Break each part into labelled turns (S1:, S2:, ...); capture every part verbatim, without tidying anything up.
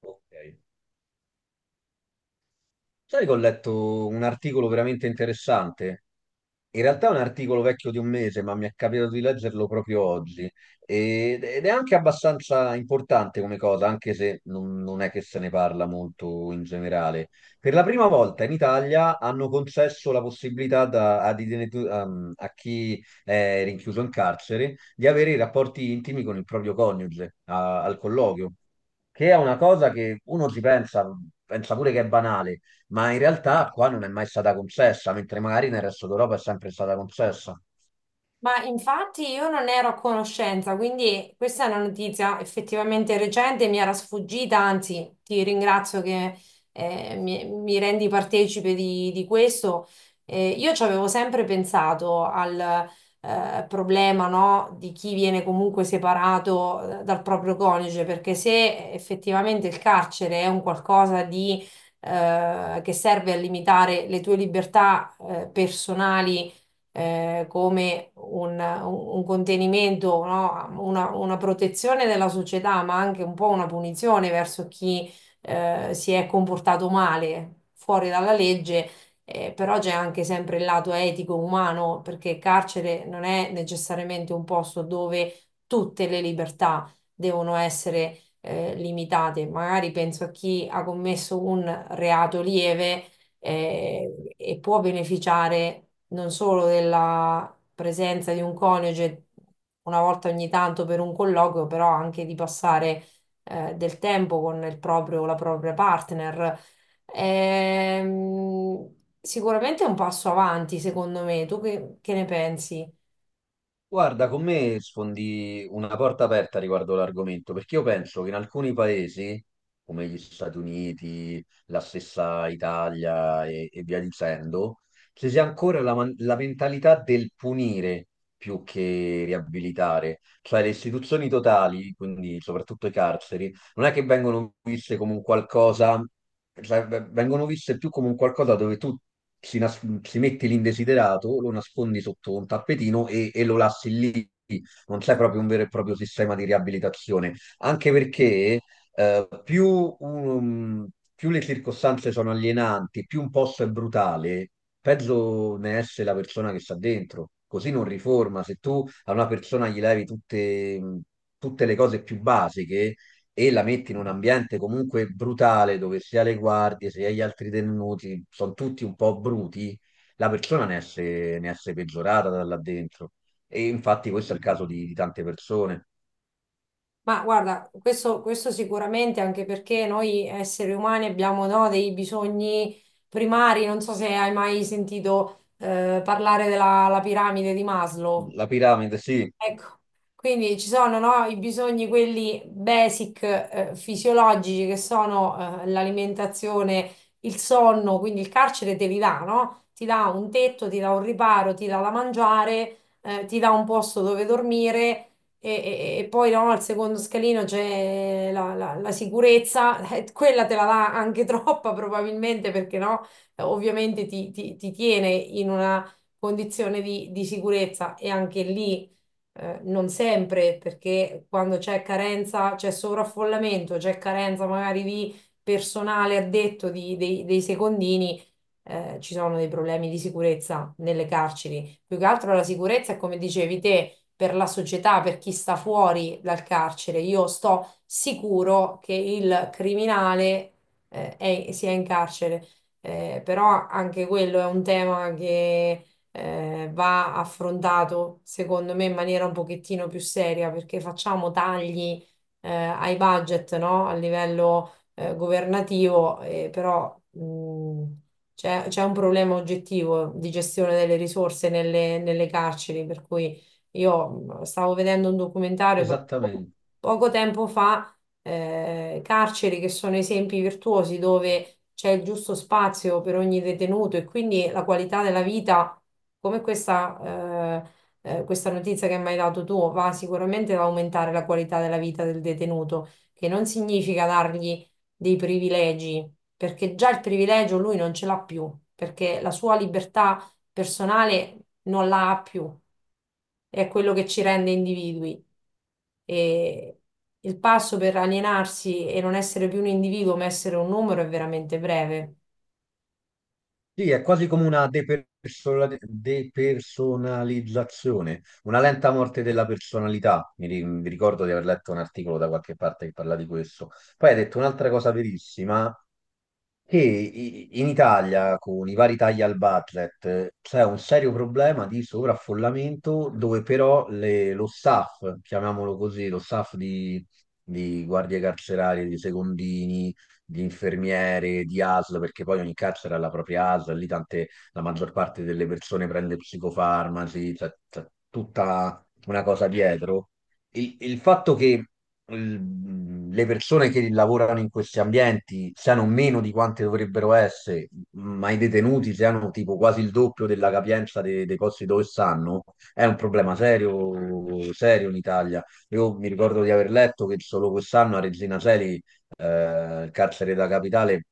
S1: Ok. Sai che ho letto un articolo veramente interessante? In realtà è un articolo vecchio di un mese, ma mi è capitato di leggerlo proprio oggi. Ed ed è anche abbastanza importante come cosa, anche se non, non è che se ne parla molto in generale. Per la prima volta in Italia hanno concesso la possibilità da- ad ident- um, a chi è rinchiuso in carcere di avere i rapporti intimi con il proprio coniuge a- al colloquio, che è una cosa che uno ci pensa, pensa pure che è banale, ma in realtà qua non è mai stata concessa, mentre magari nel resto d'Europa è sempre stata concessa.
S2: Ma infatti io non ero a conoscenza, quindi questa è una notizia effettivamente recente, mi era sfuggita, anzi ti ringrazio che eh, mi, mi rendi partecipe di, di questo. Eh, io ci avevo sempre pensato al eh, problema, no, di chi viene comunque separato eh, dal proprio coniuge, perché se effettivamente il carcere è un qualcosa di, eh, che serve a limitare le tue libertà eh, personali, eh, come un, un contenimento, no? Una, una protezione della società, ma anche un po' una punizione verso chi eh, si è comportato male fuori dalla legge. Eh, però c'è anche sempre il lato etico umano, perché il carcere non è necessariamente un posto dove tutte le libertà devono essere eh, limitate. Magari penso a chi ha commesso un reato lieve eh, e può beneficiare non solo della presenza di un coniuge una volta ogni tanto per un colloquio, però anche di passare eh, del tempo con il proprio, la propria partner. Ehm, Sicuramente è un passo avanti, secondo me. Tu che, che ne pensi?
S1: Guarda, con me sfondi una porta aperta riguardo l'argomento, perché io penso che in alcuni paesi, come gli Stati Uniti, la stessa Italia e, e via dicendo, ci sia ancora la, man- la mentalità del punire più che riabilitare, cioè le istituzioni totali, quindi soprattutto i carceri non è che vengono viste come un qualcosa, cioè, v- vengono viste più come un qualcosa dove tu si, nas- si metti l'indesiderato, lo nascondi sotto un tappetino e, e lo lasci lì. Non c'è proprio un vero e proprio sistema di riabilitazione, anche perché eh, più, um, più le circostanze sono alienanti, più un posto è brutale, peggio ne esce la persona che sta dentro. Così non riforma. Se tu a una persona gli levi tutte, mh, tutte le cose più basiche, e la metti in un ambiente comunque brutale dove sia le guardie sia gli altri tenuti sono tutti un po' bruti, la persona ne esce, ne esce peggiorata da là dentro. E infatti questo è il caso di, di tante persone.
S2: Ma guarda, questo, questo sicuramente anche perché noi esseri umani abbiamo, no, dei bisogni primari. Non so se hai mai sentito eh, parlare della la piramide di Maslow.
S1: La piramide, sì,
S2: Ecco, quindi ci sono, no, i bisogni quelli basic, eh, fisiologici che sono, eh, l'alimentazione, il sonno, quindi il carcere te li dà, no? Ti dà un tetto, ti dà un riparo, ti dà da mangiare, eh, ti dà un posto dove dormire e, e- e poi no, al secondo scalino c'è la, la- la sicurezza, eh, quella te la dà anche troppa probabilmente perché no. Eh, ovviamente ti, ti- ti tiene in una condizione di di sicurezza e anche lì eh, non sempre, perché quando c'è carenza, c'è sovraffollamento, c'è carenza magari di personale addetto di- dei, dei secondini, eh, ci sono dei problemi di sicurezza nelle carceri. Più che altro la sicurezza è come dicevi te, per la società, per chi sta fuori dal carcere. Io sto sicuro che il criminale, eh, è- sia in carcere. Eh, però anche quello è un tema che eh, va affrontato, secondo me, in maniera un pochettino più seria, perché facciamo tagli, eh, ai budget, no? A livello, eh, governativo, eh, però, mh, c'è c'è un problema oggettivo di gestione delle risorse nelle, nelle carceri, per cui io mh, stavo vedendo un documentario proprio
S1: esattamente.
S2: poco tempo fa, eh, carceri che sono esempi virtuosi dove c'è il giusto spazio per ogni detenuto e quindi la qualità della vita, come questa, eh, eh, questa notizia che mi hai dato tu, va sicuramente ad aumentare la qualità della vita del detenuto, che non significa dargli dei privilegi, perché già il privilegio lui non ce l'ha più, perché la sua libertà personale non la ha più, è quello che ci rende individui. E il passo per alienarsi e non essere più un individuo, ma essere un numero è veramente breve.
S1: Sì, è quasi come una depersola- depersonalizzazione, una lenta morte della personalità. Mi, ri- mi ricordo di aver letto un articolo da qualche parte che parla di questo. Poi hai detto un'altra cosa verissima, che i- in Italia, con i vari tagli al budget, eh, c'è un serio problema di sovraffollamento dove però le- lo staff, chiamiamolo così, lo staff di, di guardie carcerarie, di secondini, di infermiere, di A S L, perché poi ogni carcere ha la propria A S L, lì tante, la maggior parte delle persone prende psicofarmaci, c'è c'è tutta una cosa dietro. Il, il fatto che l- le persone che lavorano in questi ambienti siano meno di quante dovrebbero essere, ma i detenuti siano tipo quasi il doppio della capienza de- dei posti dove stanno, è un problema serio, serio in Italia. Io mi ricordo di aver letto che solo quest'anno a Regina Coeli, eh, il carcere della capitale,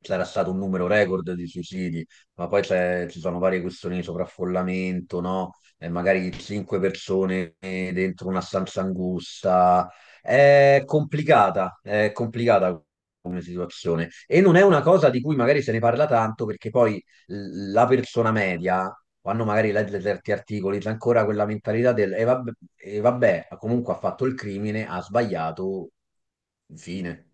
S1: c'era stato un numero record di suicidi, ma poi c'è- ci sono varie questioni di sovraffollamento, no? E magari cinque persone dentro una stanza angusta. È complicata, è complicata come situazione. E non è una cosa di cui magari se ne parla tanto, perché poi l- la persona media o hanno magari letto certi articoli, c'è ancora quella mentalità del e vabbè, e vabbè, comunque ha fatto il crimine, ha sbagliato, fine.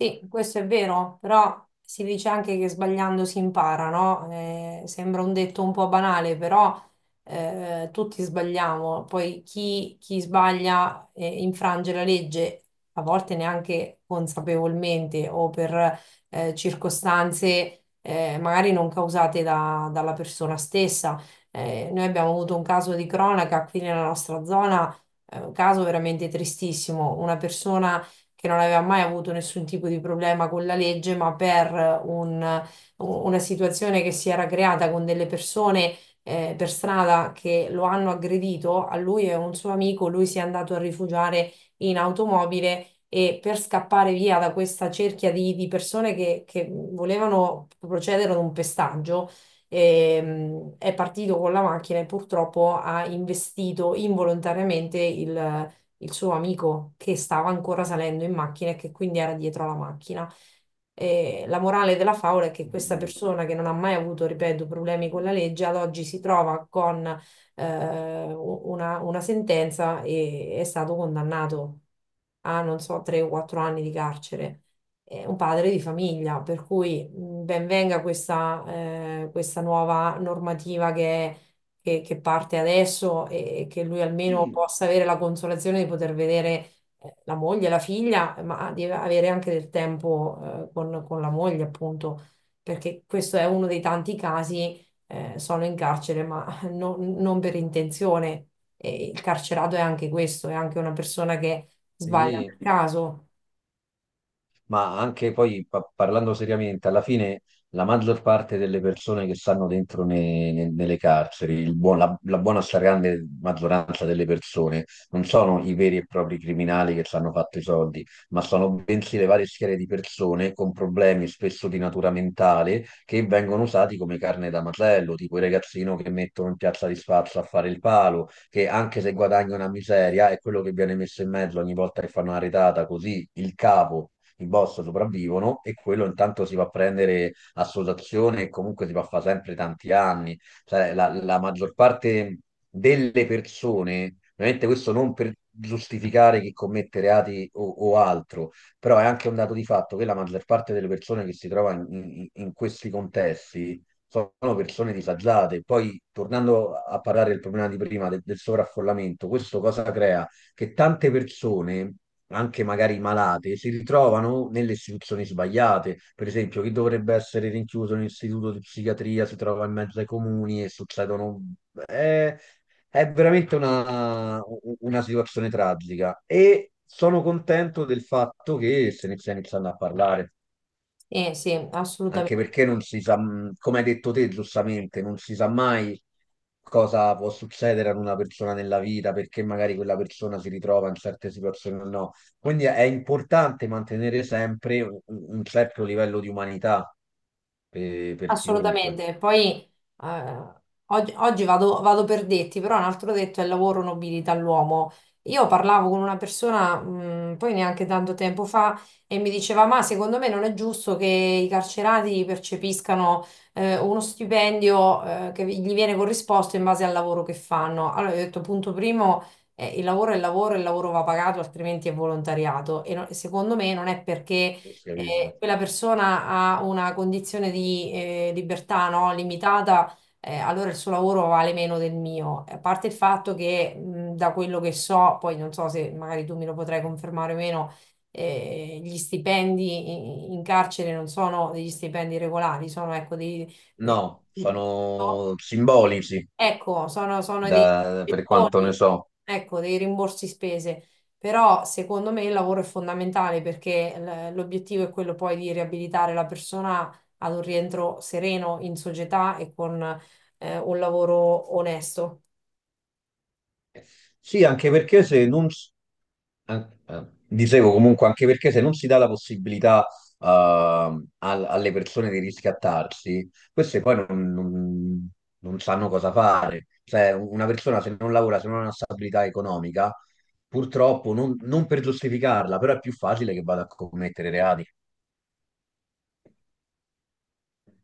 S2: Sì, questo è vero, però si dice anche che sbagliando si impara, no? Eh, sembra un detto un po' banale, però eh, tutti sbagliamo. Poi chi, chi sbaglia eh, infrange la legge, a volte neanche consapevolmente o per eh, circostanze eh, magari non causate da- dalla persona stessa. Eh, noi abbiamo avuto un caso di cronaca qui nella nostra zona, eh, un caso veramente tristissimo, una persona che non aveva mai avuto nessun tipo di problema con la legge, ma per un- una situazione che si era creata con delle persone eh, per strada che lo hanno aggredito, a lui e a un suo amico, lui si è andato a rifugiare in automobile e per scappare via da questa cerchia di, di persone che, che volevano procedere ad un pestaggio. Ehm, è partito con la macchina e purtroppo ha investito involontariamente il, il suo amico che stava ancora salendo in macchina e che quindi era dietro alla macchina. E la morale della favola è che questa
S1: Oddio.
S2: persona che non ha mai avuto, ripeto, problemi con la legge, ad oggi si trova con eh, una, una sentenza e è stato condannato a, non so, tre o quattro anni di carcere. È un padre di famiglia, per cui mh, ben venga questa, eh, questa nuova normativa che è che, che parte adesso e che lui almeno
S1: Sì,
S2: possa avere la consolazione di poter vedere eh, la moglie, la figlia, ma di avere anche del tempo eh, con, con la moglie, appunto, perché questo è uno dei tanti casi, eh, sono in carcere, ma non non per intenzione. E il carcerato è anche questo, è anche una persona che sbaglia per
S1: sì.
S2: caso.
S1: Ma anche poi pa- parlando seriamente, alla fine la maggior parte delle persone che stanno dentro ne- ne- nelle carceri, il buon- la, la buona stragrande maggioranza delle persone, non sono i veri e propri criminali che ci hanno fatto i soldi, ma sono bensì le varie schiere di persone con problemi spesso di natura mentale che vengono usati come carne da macello, tipo il ragazzino che mettono in piazza di spazio a fare il palo, che anche se guadagna una miseria è quello che viene messo in mezzo ogni volta che fanno una retata, così il capo i boss sopravvivono e quello intanto si va a prendere associazione e comunque si va a fare sempre tanti anni. Cioè, la, la maggior parte delle persone, ovviamente questo non per giustificare chi commette reati o, o altro, però è anche un dato di fatto che la maggior parte delle persone che si trova in, in- in questi contesti sono persone disagiate. Poi, tornando a parlare del problema di prima, de- del sovraffollamento, questo cosa crea? Che tante persone, anche magari malate, si ritrovano nelle istituzioni sbagliate. Per esempio, chi dovrebbe essere rinchiuso in un istituto di psichiatria si trova in mezzo ai comuni e succedono... È, è veramente una, una situazione tragica e sono contento del fatto che se ne stia iniziando a parlare,
S2: Eh, sì,
S1: anche
S2: assolutamente.
S1: perché non si sa, mh, come hai detto te giustamente, non si sa mai cosa può succedere ad una persona nella vita, perché magari quella persona si ritrova in certe situazioni o no. Quindi è importante mantenere sempre un, un certo livello di umanità per, per chiunque.
S2: Assolutamente, poi eh, oggi, oggi vado, vado per detti, però un altro detto è il lavoro nobilita l'uomo. Io parlavo con una persona, mh, poi neanche tanto tempo fa, e mi diceva: ma secondo me non è giusto che i carcerati percepiscano eh, uno stipendio eh, che gli viene corrisposto in base al lavoro che fanno. Allora, io ho detto: punto primo, eh, il lavoro è il lavoro, il lavoro va pagato, altrimenti è volontariato. E no- secondo me non è perché
S1: Questo, capito?
S2: eh, quella persona ha una condizione di eh, libertà, no, limitata, eh, allora il suo lavoro vale meno del mio. A parte il fatto che, mh, da quello che so, poi non so se magari tu me lo potrai confermare o meno, eh, gli stipendi in, in carcere non sono degli stipendi regolari, sono ecco dei... dei-
S1: No, sono simbolici
S2: Ecco, sono, sono dei
S1: da- per quanto
S2: gettoni,
S1: ne so.
S2: ecco, dei rimborsi spese. Però secondo me il lavoro è fondamentale perché l- l'obiettivo è quello poi di riabilitare la persona ad un rientro sereno in società e con eh, un lavoro onesto.
S1: Sì, anche perché se non, s- an- eh, dicevo comunque, anche perché se non si dà la possibilità eh, al- alle persone di riscattarsi, queste poi non, non- non sanno cosa fare. Cioè, una persona se non lavora, se non ha una stabilità economica, purtroppo, non, non per giustificarla, però è più facile che vada a commettere reati.